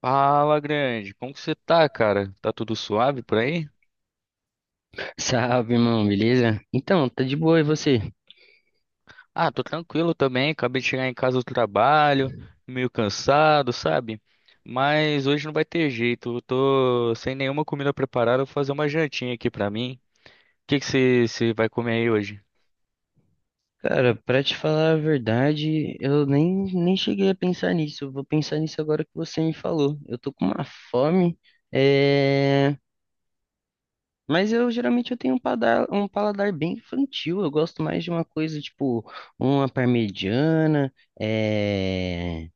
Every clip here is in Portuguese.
Fala, grande. Como que você tá, cara? Tá tudo suave por aí? Salve, irmão, beleza? Então, tá de boa, e você? Ah, tô tranquilo também. Acabei de chegar em casa do trabalho, meio cansado, sabe? Mas hoje não vai ter jeito. Eu tô sem nenhuma comida preparada. Vou fazer uma jantinha aqui pra mim. O que que você vai comer aí hoje? Cara, pra te falar a verdade, eu nem cheguei a pensar nisso. Eu Vou pensar nisso agora que você me falou. Eu tô com uma fome, é... mas eu geralmente eu tenho um paladar bem infantil. Eu gosto mais de uma coisa tipo uma parmegiana, é...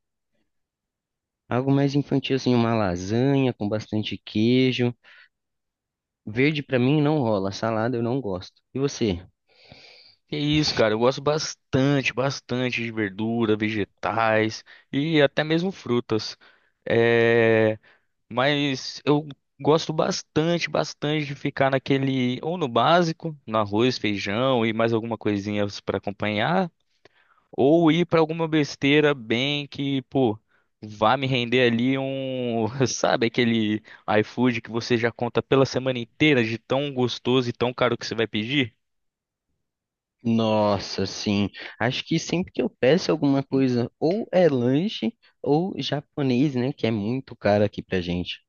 algo mais infantil, assim, uma lasanha com bastante queijo. Verde pra mim não rola, salada eu não gosto. E você? Que isso, cara. Eu gosto bastante, bastante de verdura, vegetais e até mesmo frutas. É, mas eu gosto bastante, bastante de ficar naquele, ou no básico, no arroz, feijão e mais alguma coisinha para acompanhar, ou ir para alguma besteira bem que, pô, vá me render ali um, sabe, aquele iFood que você já conta pela semana inteira de tão gostoso e tão caro que você vai pedir? Nossa, sim. Acho que sempre que eu peço alguma coisa, ou é lanche ou japonês, né? Que é muito caro aqui pra gente.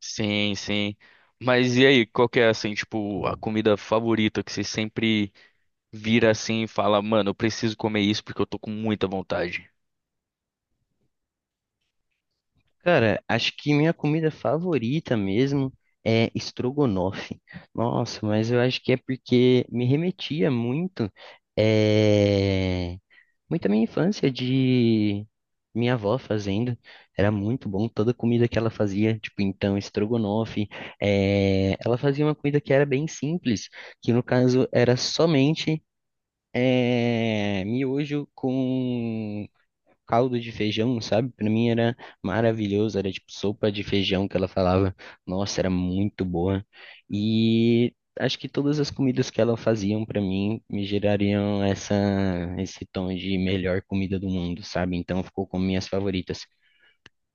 Sim, sim. Mas e aí, qual que é assim, tipo, a comida favorita que você sempre vira assim e fala, mano, eu preciso comer isso porque eu tô com muita vontade? Cara, acho que minha comida favorita mesmo é estrogonofe. Nossa, mas eu acho que é porque me remetia muito, eh, muito à minha infância de minha avó fazendo. Era muito bom toda a comida que ela fazia, tipo, então, estrogonofe. Ela fazia uma comida que era bem simples, que no caso era somente miojo com caldo de feijão, sabe? Pra mim era maravilhoso, era tipo sopa de feijão que ela falava. Nossa, era muito boa. E acho que todas as comidas que ela faziam pra mim me gerariam essa esse tom de melhor comida do mundo, sabe? Então ficou como minhas favoritas.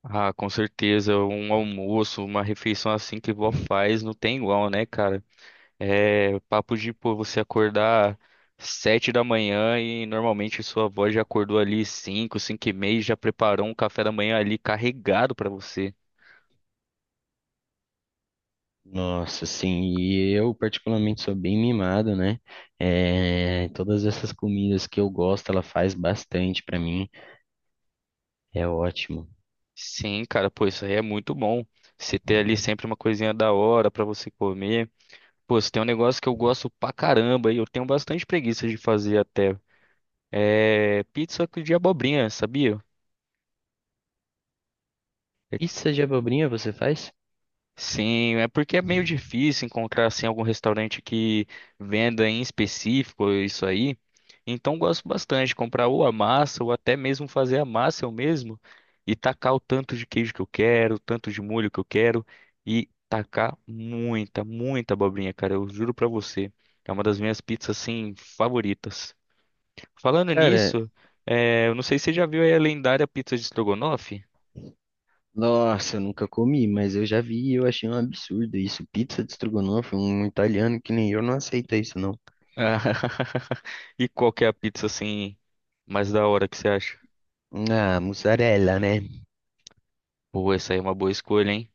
Ah, com certeza, um almoço, uma refeição assim que vó faz não tem igual, né, cara? É papo de, pô, você acordar 7 da manhã e normalmente sua avó já acordou ali 5, 5:30, e já preparou um café da manhã ali carregado pra você. Nossa, sim, e eu particularmente sou bem mimado, né? É, todas essas comidas que eu gosto, ela faz bastante pra mim. É ótimo. Sim, cara, pô, isso aí é muito bom. Você ter ali sempre uma coisinha da hora pra você comer. Pô, se tem um negócio que eu gosto pra caramba e eu tenho bastante preguiça de fazer até, é pizza de abobrinha, sabia? É que se- Pizza de abobrinha você faz? Sim, é porque é meio difícil encontrar assim algum restaurante que venda em específico isso aí. Então gosto bastante de comprar ou a massa ou até mesmo fazer a massa eu mesmo e tacar o tanto de queijo que eu quero, o tanto de molho que eu quero e tacar muita, muita abobrinha, cara, eu juro pra você. É uma das minhas pizzas assim favoritas. Falando Cara, nisso, eu não sei se você já viu aí a lendária pizza de estrogonofe. nossa, eu nunca comi, mas eu já vi e eu achei um absurdo isso. Pizza de estrogonofe, um italiano que nem eu não aceita isso, não. E qual que é a pizza assim mais da hora que você acha? Ah, mussarela, né? Pô, essa aí é uma boa escolha, hein?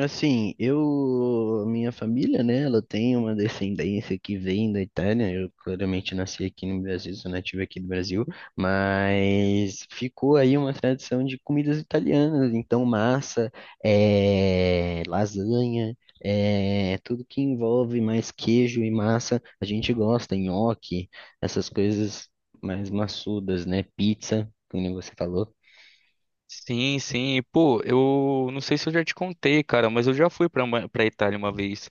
Assim, eu, minha família, né, ela tem uma descendência que vem da Itália. Eu claramente nasci aqui no Brasil, sou nativo aqui do Brasil, mas ficou aí uma tradição de comidas italianas. Então, massa, é, lasanha, é, tudo que envolve mais queijo e massa, a gente gosta, nhoque, essas coisas mais maçudas, né? Pizza, como você falou. Sim, sim. Pô, eu não sei se eu já te contei, cara, mas eu já fui pra, Ma- pra Itália uma vez.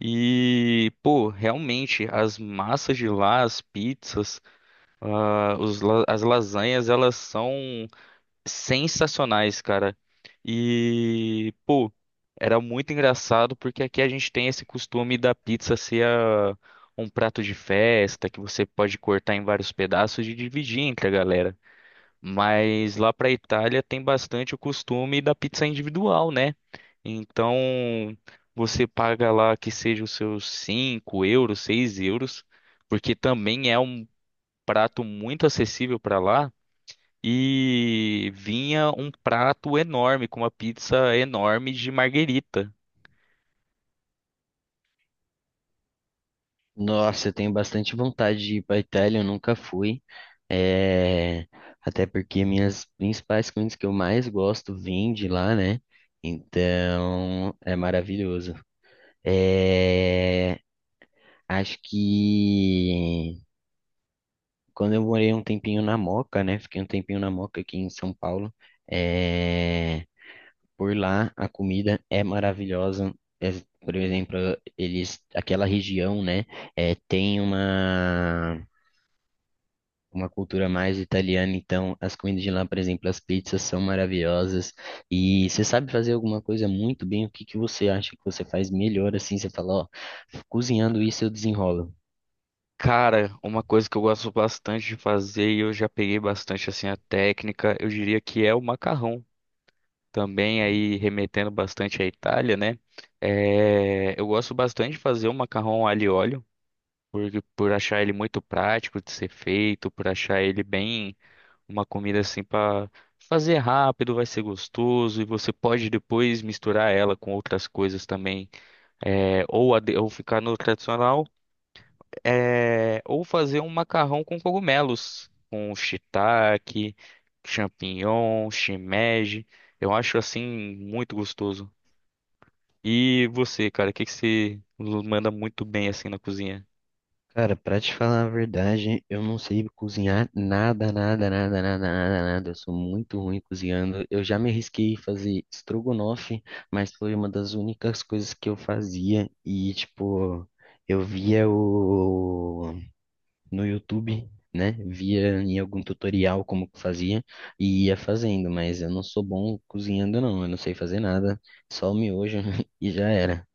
E, pô, realmente, as massas de lá, as pizzas, ah, os la- as lasanhas, elas são sensacionais, cara. E, pô, era muito engraçado porque aqui a gente tem esse costume da pizza ser a- um prato de festa que você pode cortar em vários pedaços e dividir entre a galera. Mas lá pra Itália tem bastante o costume da pizza individual, né? Então você paga lá que seja os seus 5 euros, 6 euros, porque também é um prato muito acessível pra lá e vinha um prato enorme, com uma pizza enorme de marguerita. Nossa, eu tenho bastante vontade de ir para Itália, eu nunca fui. É, até porque minhas principais comidas que eu mais gosto vêm de lá, né? Então é maravilhoso. É, acho que quando eu morei um tempinho na Moca, né? Fiquei um tempinho na Moca aqui em São Paulo. é, Por lá a comida é maravilhosa. É, por exemplo, eles, aquela região, né? Tem uma cultura mais italiana, então as comidas de lá, por exemplo, as pizzas são maravilhosas. E você sabe fazer alguma coisa muito bem, o que que você acha que você faz melhor assim? Você fala, ó, cozinhando isso eu desenrolo. Cara, uma coisa que eu gosto bastante de fazer e eu já peguei bastante assim a técnica, eu diria que é o macarrão. Também aí remetendo bastante à Itália, né? É, eu gosto bastante de fazer o macarrão alho e óleo, por, por achar ele muito prático de ser feito, por achar ele bem uma comida assim para fazer rápido, vai ser gostoso e você pode depois misturar ela com outras coisas também, é, ou, ade- ou ficar no tradicional, é, ou fazer um macarrão com cogumelos, com shiitake, champignon, shimeji. Eu acho assim muito gostoso. E você, cara, o que que você manda muito bem assim na cozinha? Cara, pra te falar a verdade, eu não sei cozinhar nada, nada, nada, nada, nada, nada. Eu sou muito ruim cozinhando. Eu já me arrisquei a fazer estrogonofe, mas foi uma das únicas coisas que eu fazia e, tipo, eu via o no YouTube, né? Via em algum tutorial como que fazia e ia fazendo, mas eu não sou bom cozinhando, não. Eu não sei fazer nada, só o miojo e já era.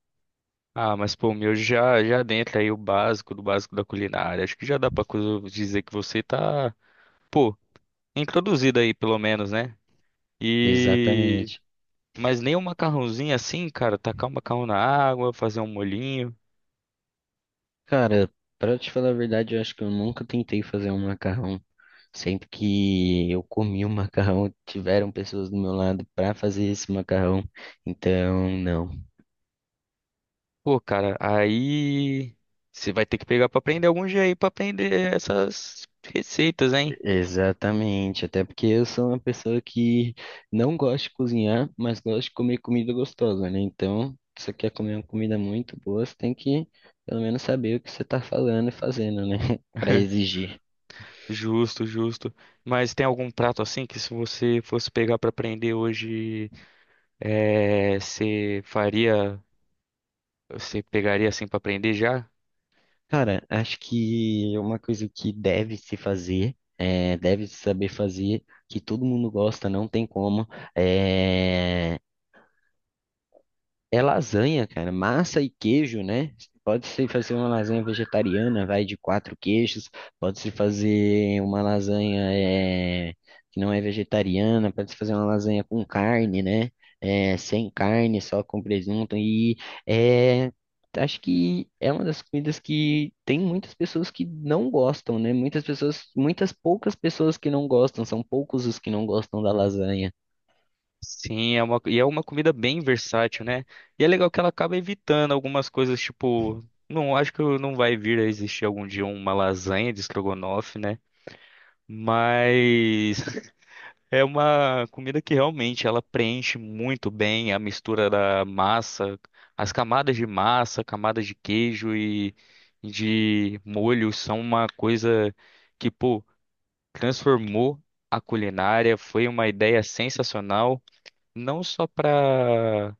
Ah, mas pô, o meu já dentro aí o básico do básico da culinária. Acho que já dá pra coisa- dizer que você tá, pô, introduzida aí, pelo menos, né? E. Exatamente. Mas nem um macarrãozinho assim, cara, tacar um macarrão na água, fazer um molhinho. Cara, pra te falar a verdade, eu acho que eu nunca tentei fazer um macarrão. Sempre que eu comi um macarrão, tiveram pessoas do meu lado pra fazer esse macarrão. Então, não. Pô, cara, aí, você vai ter que pegar pra aprender algum jeito aí pra aprender essas receitas, hein? Exatamente, até porque eu sou uma pessoa que não gosta de cozinhar, mas gosta de comer comida gostosa, né? Então, se você quer comer uma comida muito boa, você tem que pelo menos saber o que você tá falando e fazendo, né? Para exigir. Justo, justo. Mas tem algum prato assim que se você fosse pegar pra aprender hoje, é, você faria, você pegaria assim pra aprender já? Cara, acho que uma coisa que deve se fazer, é, deve se saber fazer, que todo mundo gosta, não tem como, é lasanha, cara. Massa e queijo, né? Pode-se fazer uma lasanha vegetariana, vai de quatro queijos. Pode-se fazer uma lasanha é, que não é vegetariana. Pode-se fazer uma lasanha com carne, né? É, sem carne, só com presunto. E é, acho que é uma das comidas que tem muitas pessoas que não gostam, né? Muitas pessoas, muitas poucas pessoas que não gostam. São poucos os que não gostam da lasanha. Sim, é uma, e é uma comida bem versátil, né? E é legal que ela acaba evitando algumas coisas, tipo, não acho que não vai vir a existir algum dia uma lasanha de estrogonofe, né? Mas é uma comida que realmente ela preenche muito bem a mistura da massa, as camadas de massa, camadas de queijo e de molho são uma coisa que, pô, transformou a culinária, foi uma ideia sensacional não só para,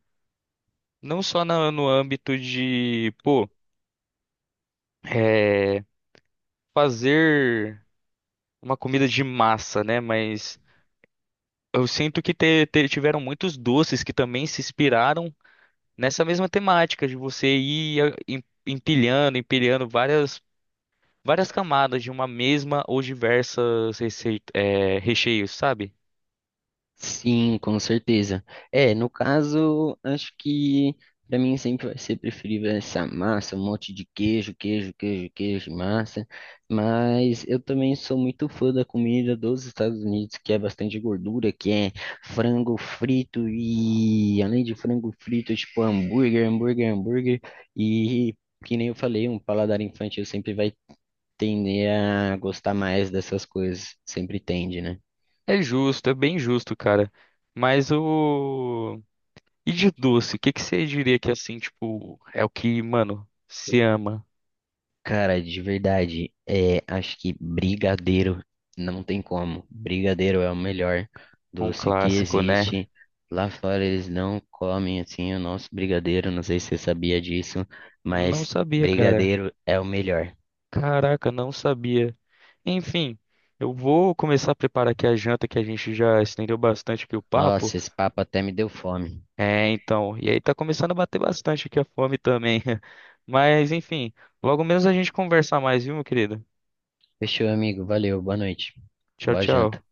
não só na- no âmbito de, pô, é, fazer uma comida de massa, né? Mas eu sinto que te- te- tiveram muitos doces que também se inspiraram nessa mesma temática de você ir a- em- empilhando, empilhando várias, várias camadas de uma mesma ou diversas receita, é, recheios, sabe? Sim, com certeza. É, no caso, acho que para mim sempre vai ser preferível essa massa, um monte de queijo, queijo, queijo, queijo, massa. Mas eu também sou muito fã da comida dos Estados Unidos, que é bastante gordura, que é frango frito e além de frango frito, tipo hambúrguer, hambúrguer, hambúrguer. E que nem eu falei, um paladar infantil sempre vai tender a gostar mais dessas coisas, sempre tende, né? É justo, é bem justo, cara. Mas o E de doce, o que que você diria que assim, tipo, é o que, mano, se ama? Cara, de verdade, é, acho que brigadeiro não tem como. Brigadeiro é o melhor Um doce que clássico, né? existe. Lá fora eles não comem assim o nosso brigadeiro, não sei se você sabia disso, Não mas sabia, cara. brigadeiro é o melhor. Caraca, não sabia. Enfim, eu vou começar a preparar aqui a janta que a gente já estendeu bastante aqui o papo. Nossa, esse papo até me deu fome. É, então, e aí tá começando a bater bastante aqui a fome também. Mas enfim, logo menos a gente conversar mais, viu, meu querido? Fechou, amigo. Valeu, boa noite. Tchau, Boa tchau. janta.